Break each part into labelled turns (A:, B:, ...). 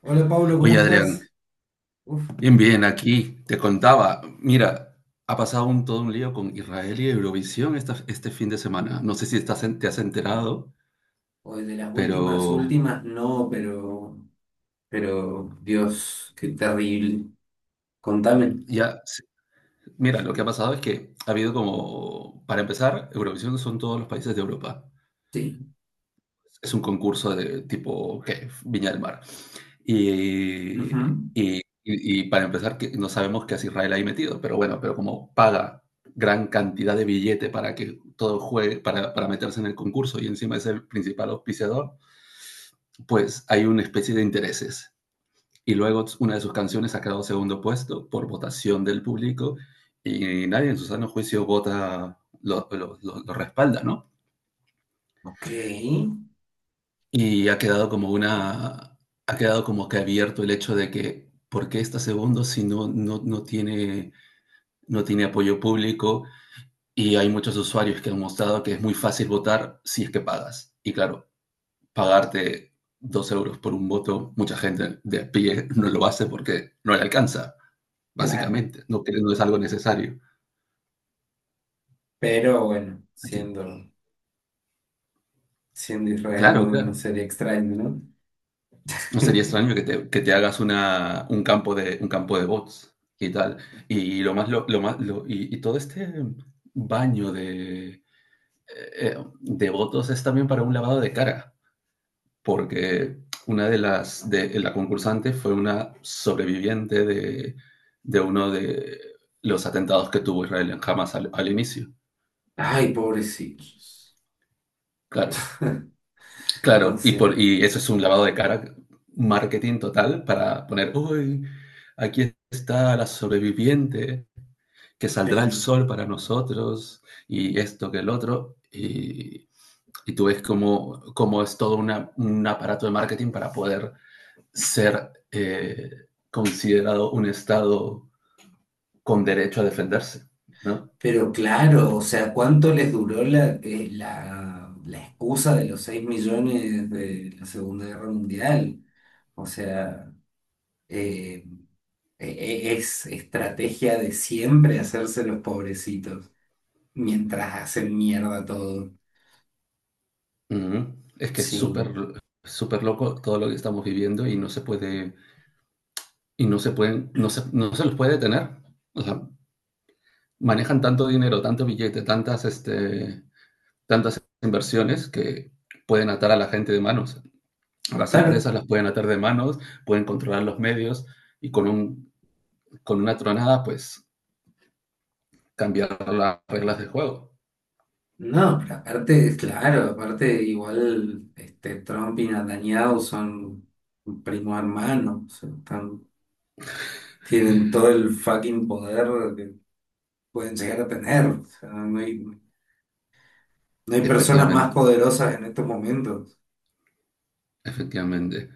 A: Hola Pablo, ¿cómo
B: Oye, Adrián,
A: estás? Uf,
B: bien, bien, aquí te contaba, mira, ha pasado todo un lío con Israel y Eurovisión este fin de semana. No sé si te has enterado,
A: hoy de las últimas,
B: pero
A: últimas, no, pero, Dios, qué terrible. Contame.
B: ya, mira, lo que ha pasado es que ha habido como, para empezar, Eurovisión son todos los países de Europa.
A: Sí.
B: Es un concurso de tipo, ¿qué? Viña del Mar. Y, y,
A: Ujú.
B: y y para empezar, que no sabemos qué hace Israel ahí metido, pero bueno, pero como paga gran cantidad de billete para que todo juegue, para meterse en el concurso y encima es el principal auspiciador, pues hay una especie de intereses. Y luego una de sus canciones ha quedado segundo puesto por votación del público y nadie en su sano juicio vota, lo respalda, ¿no?
A: Ok,
B: Y ha quedado ha quedado como que abierto el hecho de que, ¿por qué está segundo si no tiene, no tiene apoyo público? Y hay muchos usuarios que han mostrado que es muy fácil votar si es que pagas. Y claro, pagarte dos euros por un voto, mucha gente de a pie no lo hace porque no le alcanza,
A: claro.
B: básicamente. No, no es algo necesario.
A: Pero bueno, siendo, siendo Israel
B: Claro,
A: no, no
B: claro.
A: sería extraño, ¿no?
B: No sería extraño que te hagas un campo de bots y tal. Y lo más, y todo este baño de votos es también para un lavado de cara, porque una de las, de la concursante fue una sobreviviente de uno de los atentados que tuvo Israel en Hamas al, al inicio.
A: Ay, pobrecitos.
B: Claro,
A: No
B: claro,
A: sé.
B: y eso es un lavado de cara, marketing total, para poner, uy, aquí está la sobreviviente, que saldrá el
A: Pero,
B: sol para nosotros, y esto que el otro, y tú ves cómo, cómo es todo un aparato de marketing para poder ser considerado un Estado con derecho a defenderse, ¿no?
A: pero claro, o sea, ¿cuánto les duró la la excusa de los 6 millones de la Segunda Guerra Mundial? O sea... eh, es estrategia de siempre hacerse los pobrecitos mientras hacen mierda todo.
B: Ujú. Es que es
A: Sí,
B: súper, súper loco todo lo que estamos viviendo y no se puede y no se pueden, no se los puede detener. O sea, manejan tanto dinero, tanto billete, tantas, tantas inversiones que pueden atar a la gente de manos. A las
A: claro.
B: empresas las pueden atar de manos, pueden controlar los medios y con una tronada, pues, cambiar las reglas de juego.
A: No, pero aparte, claro, aparte igual este, Trump y Netanyahu son primo hermano, o sea, tienen todo el fucking poder que pueden llegar a tener. O sea, no hay personas más
B: Efectivamente,
A: poderosas en estos momentos.
B: efectivamente,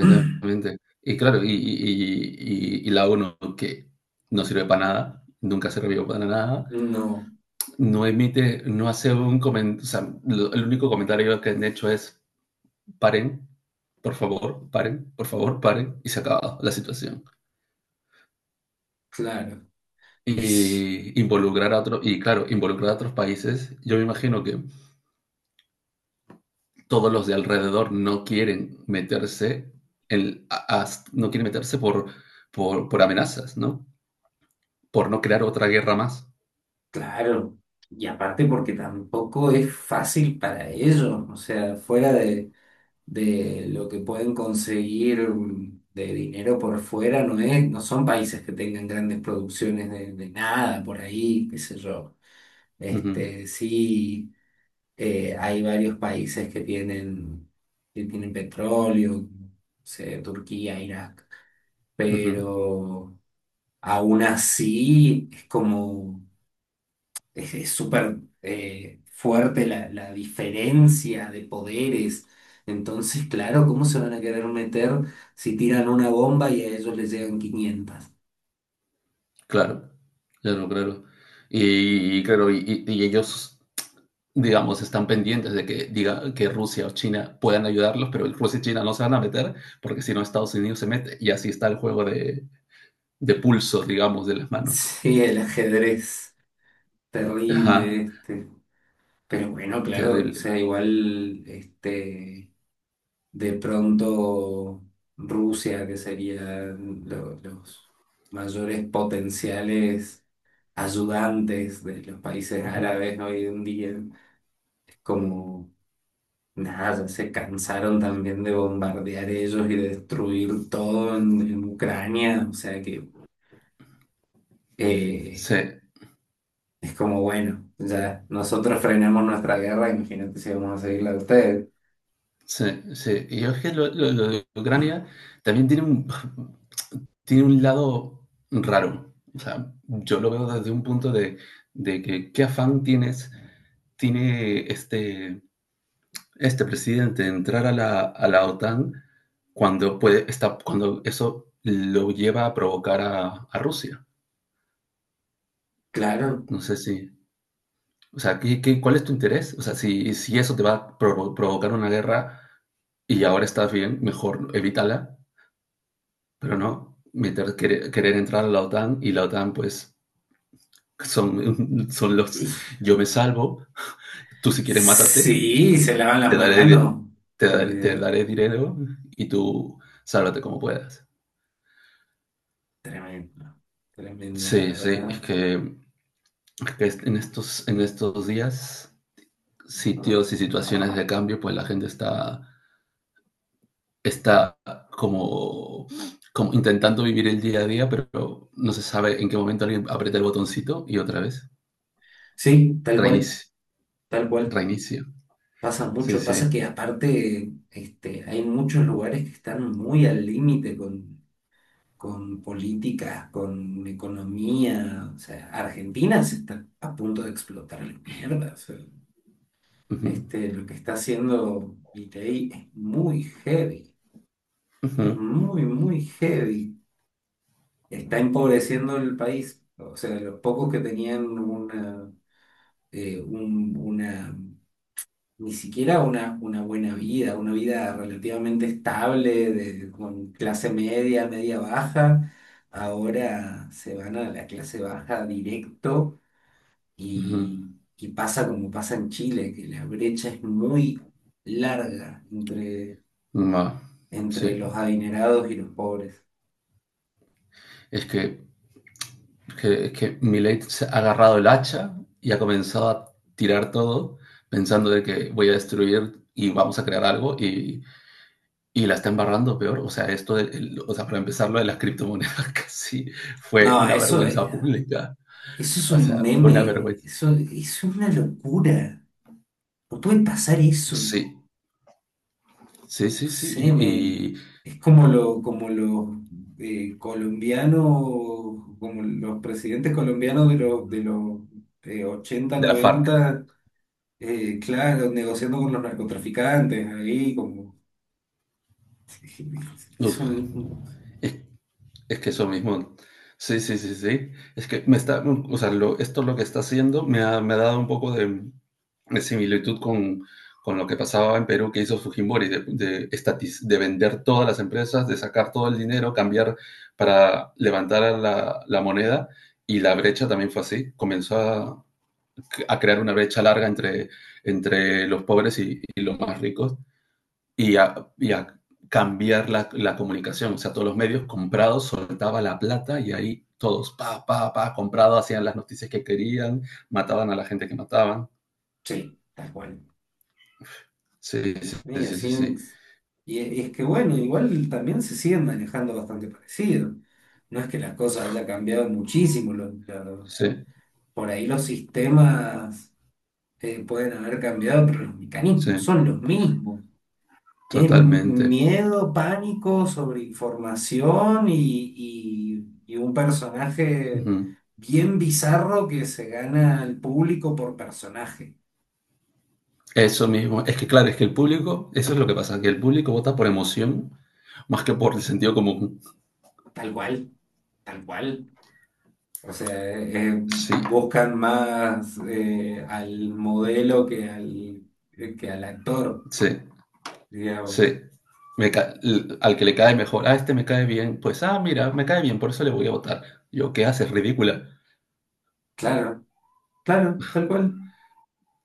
B: Y claro, y la ONU que no sirve para nada, nunca sirvió para nada,
A: No,
B: no emite, no hace un comentario, o sea, el único comentario que han hecho es paren, por favor, paren, por favor, paren, y se acaba la situación.
A: claro. Y sí.
B: Y involucrar a otros, y claro, involucrar a otros países, yo me imagino que todos los de alrededor no quieren meterse, en, a- a- no quieren meterse por amenazas, ¿no? Por no crear otra guerra más.
A: Claro, y aparte porque tampoco es fácil para ellos, o sea, fuera de lo que pueden conseguir de dinero por fuera, no es, no son países que tengan grandes producciones de nada por ahí, qué sé yo.
B: Ujú,
A: Este, sí, hay varios países que tienen petróleo, no sé, Turquía, Irak,
B: ujú,
A: pero aún así es como es súper fuerte la, la diferencia de poderes. Entonces, claro, ¿cómo se van a querer meter si tiran una bomba y a ellos les llegan quinientas?
B: claro, claro, claro. Y ellos digamos, están pendientes de que diga que Rusia o China puedan ayudarlos, pero Rusia y China no se van a meter porque si no Estados Unidos se mete y así está el juego de pulsos, digamos, de las manos.
A: Sí, el ajedrez, terrible
B: Ajá,
A: este. Pero bueno, claro, o
B: terrible.
A: sea, igual este, de pronto Rusia, que serían los mayores potenciales ayudantes de los países
B: Ujú.
A: árabes, ¿no? Hoy en día como nada, ya se cansaron también de bombardear ellos y de destruir todo en Ucrania. O sea que eh,
B: Sí,
A: es como, bueno, ya nosotros frenamos nuestra guerra, imagínate si vamos a seguir la de ustedes.
B: sí, sí. Y es que lo de Ucrania también tiene un, tiene un lado raro. O sea, yo lo veo desde un punto de que qué afán tienes, tiene este presidente entrar a la OTAN cuando, puede, está, cuando eso lo lleva a provocar a Rusia.
A: Claro.
B: No sé si, o sea, ¿cuál es tu interés? O sea, si eso te va a provocar una guerra y ahora estás bien, mejor evítala, pero no meter, querer entrar a la OTAN y la OTAN pues son, son
A: Y-
B: los yo me salvo, tú si quieres mátate,
A: sí, se lavan la
B: te daré,
A: mano.
B: te
A: Olvidé.
B: daré dinero y tú sálvate como puedas.
A: Tremendo, tremendo, la
B: Sí, sí, es
A: verdad.
B: que, en estos días, sitios y situaciones de cambio, pues la gente está, está como, como intentando vivir el día a día, pero no se sabe en qué momento alguien aprieta el botoncito y otra vez
A: Sí, tal cual,
B: reinicio,
A: tal cual.
B: reinicio.
A: Pasa
B: Sí,
A: mucho, pasa que
B: sí.
A: aparte este, hay muchos lugares que están muy al límite con políticas, con economía. O sea, Argentina se está a punto de explotar la mierda. O sea,
B: Ujú,
A: este, lo que está haciendo Milei es muy heavy,
B: ujú,
A: es muy, muy heavy. Está empobreciendo el país. O sea, los pocos que tenían una, una ni siquiera una buena vida, una vida relativamente estable, de, con clase media, media baja, ahora se van a la clase baja directo
B: ujú.
A: y pasa como pasa en Chile, que la brecha es muy larga entre,
B: Ma, sí,
A: entre los adinerados y los pobres.
B: es que es que Millet se ha agarrado el hacha y ha comenzado a tirar todo pensando de que voy a destruir y vamos a crear algo y la está embarrando peor. O sea, o sea, para empezar, lo de las criptomonedas casi fue
A: No,
B: una
A: eso,
B: vergüenza pública.
A: eso es
B: O
A: un
B: sea, fue una
A: meme,
B: vergüenza.
A: eso es una locura, no puede pasar eso.
B: Sí, sí, sí, sí.
A: Sé, me,
B: Y
A: es como, lo, como los colombianos, como los presidentes colombianos de los 80,
B: de la FARC.
A: 90, claro, negociando con los narcotraficantes, ahí como
B: Uf,
A: eso mismo.
B: es es que eso mismo. Sí, sí, sí, sí. Es que me está, o sea, esto lo que está haciendo me ha dado un poco de similitud con lo que pasaba en Perú que hizo Fujimori, de vender todas las empresas, de sacar todo el dinero, cambiar para levantar a la moneda. Y la brecha también fue así. Comenzó a crear una brecha larga entre, entre los pobres y los más ricos y a cambiar comunicación. O sea, todos los medios comprados soltaba la plata y ahí todos, pa, pa, pa, comprado, hacían las noticias que querían, mataban a la gente que mataban.
A: Sí, tal cual.
B: Sí, sí,
A: Y
B: sí, sí, sí,
A: así,
B: sí,
A: y es que bueno, igual también se siguen manejando bastante parecido. No es que las cosas haya cambiado muchísimo,
B: sí,
A: por ahí los sistemas pueden haber cambiado, pero los
B: sí,
A: mecanismos son los mismos. Es
B: totalmente.
A: miedo, pánico, sobreinformación y un
B: Uh
A: personaje
B: -huh.
A: bien bizarro que se gana al público por personaje,
B: Eso mismo. Es que claro, es que el público, eso es lo que pasa, que el público vota por emoción más que por el sentido común.
A: tal cual, tal cual. O sea,
B: Sí,
A: buscan más al modelo que que al actor,
B: sí. Sí.
A: digamos.
B: Me al que le cae mejor, ah, este me cae bien, pues, ah, mira, me cae bien, por eso le voy a votar. Yo, ¿qué haces? Ridícula.
A: Claro, claro, tal cual.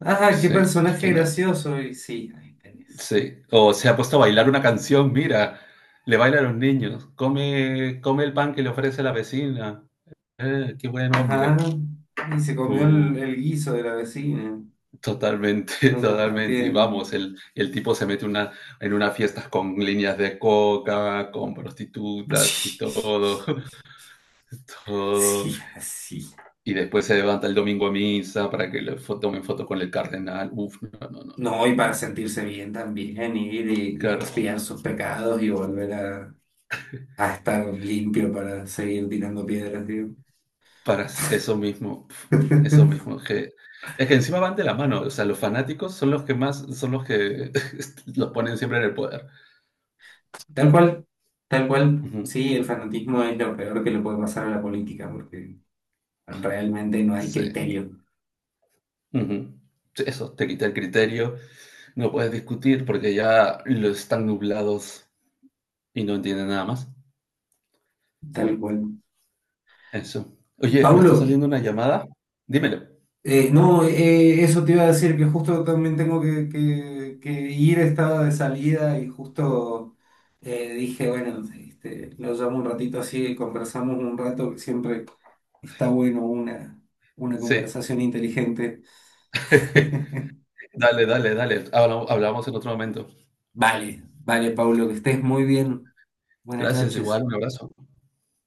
A: Ah, qué
B: Sí, es
A: personaje
B: que no.
A: gracioso. Y sí, ahí tenés.
B: Sí. O se ha puesto a bailar una canción, mira, le baila a los niños, come, come el pan que le ofrece la vecina. Qué buen hombre.
A: Ajá. Y se
B: Pu,
A: comió el guiso de la vecina.
B: totalmente,
A: Están
B: totalmente. Y
A: compartiendo.
B: vamos, el tipo se mete en unas fiestas con líneas de coca, con prostitutas y todo, todo.
A: Sí, así.
B: Y después se levanta el domingo a misa para que le tomen foto con el cardenal. Uf, no, no, no, no.
A: No, y para sentirse bien también, ir y
B: Claro,
A: expiar sus pecados y volver a estar limpio para seguir tirando piedras, digo.
B: para eso mismo, pf, eso mismo. Es que encima van de la mano. O sea, los fanáticos son los que más, son los que los ponen siempre en el poder.
A: Tal cual, tal cual.
B: Ujú,
A: Sí, el fanatismo es lo peor que le puede pasar a la política, porque realmente no hay
B: sí.
A: criterio.
B: Ujú. Sí, eso, te quita el criterio, no puedes discutir porque ya lo están nublados y no entienden nada más.
A: Tal cual.
B: Eso. Oye, me está
A: Paulo,
B: saliendo una llamada. Dímelo.
A: No, eso te iba a decir, que justo también tengo que, que ir, estaba de salida y justo dije, bueno, este, lo llamo un ratito así y conversamos un rato, que siempre está bueno una
B: Sí.
A: conversación inteligente.
B: Dale, dale, dale. Hablamos en otro momento.
A: Vale, vale, Paulo, que estés muy bien. Buenas
B: Gracias, igual,
A: noches.
B: un abrazo.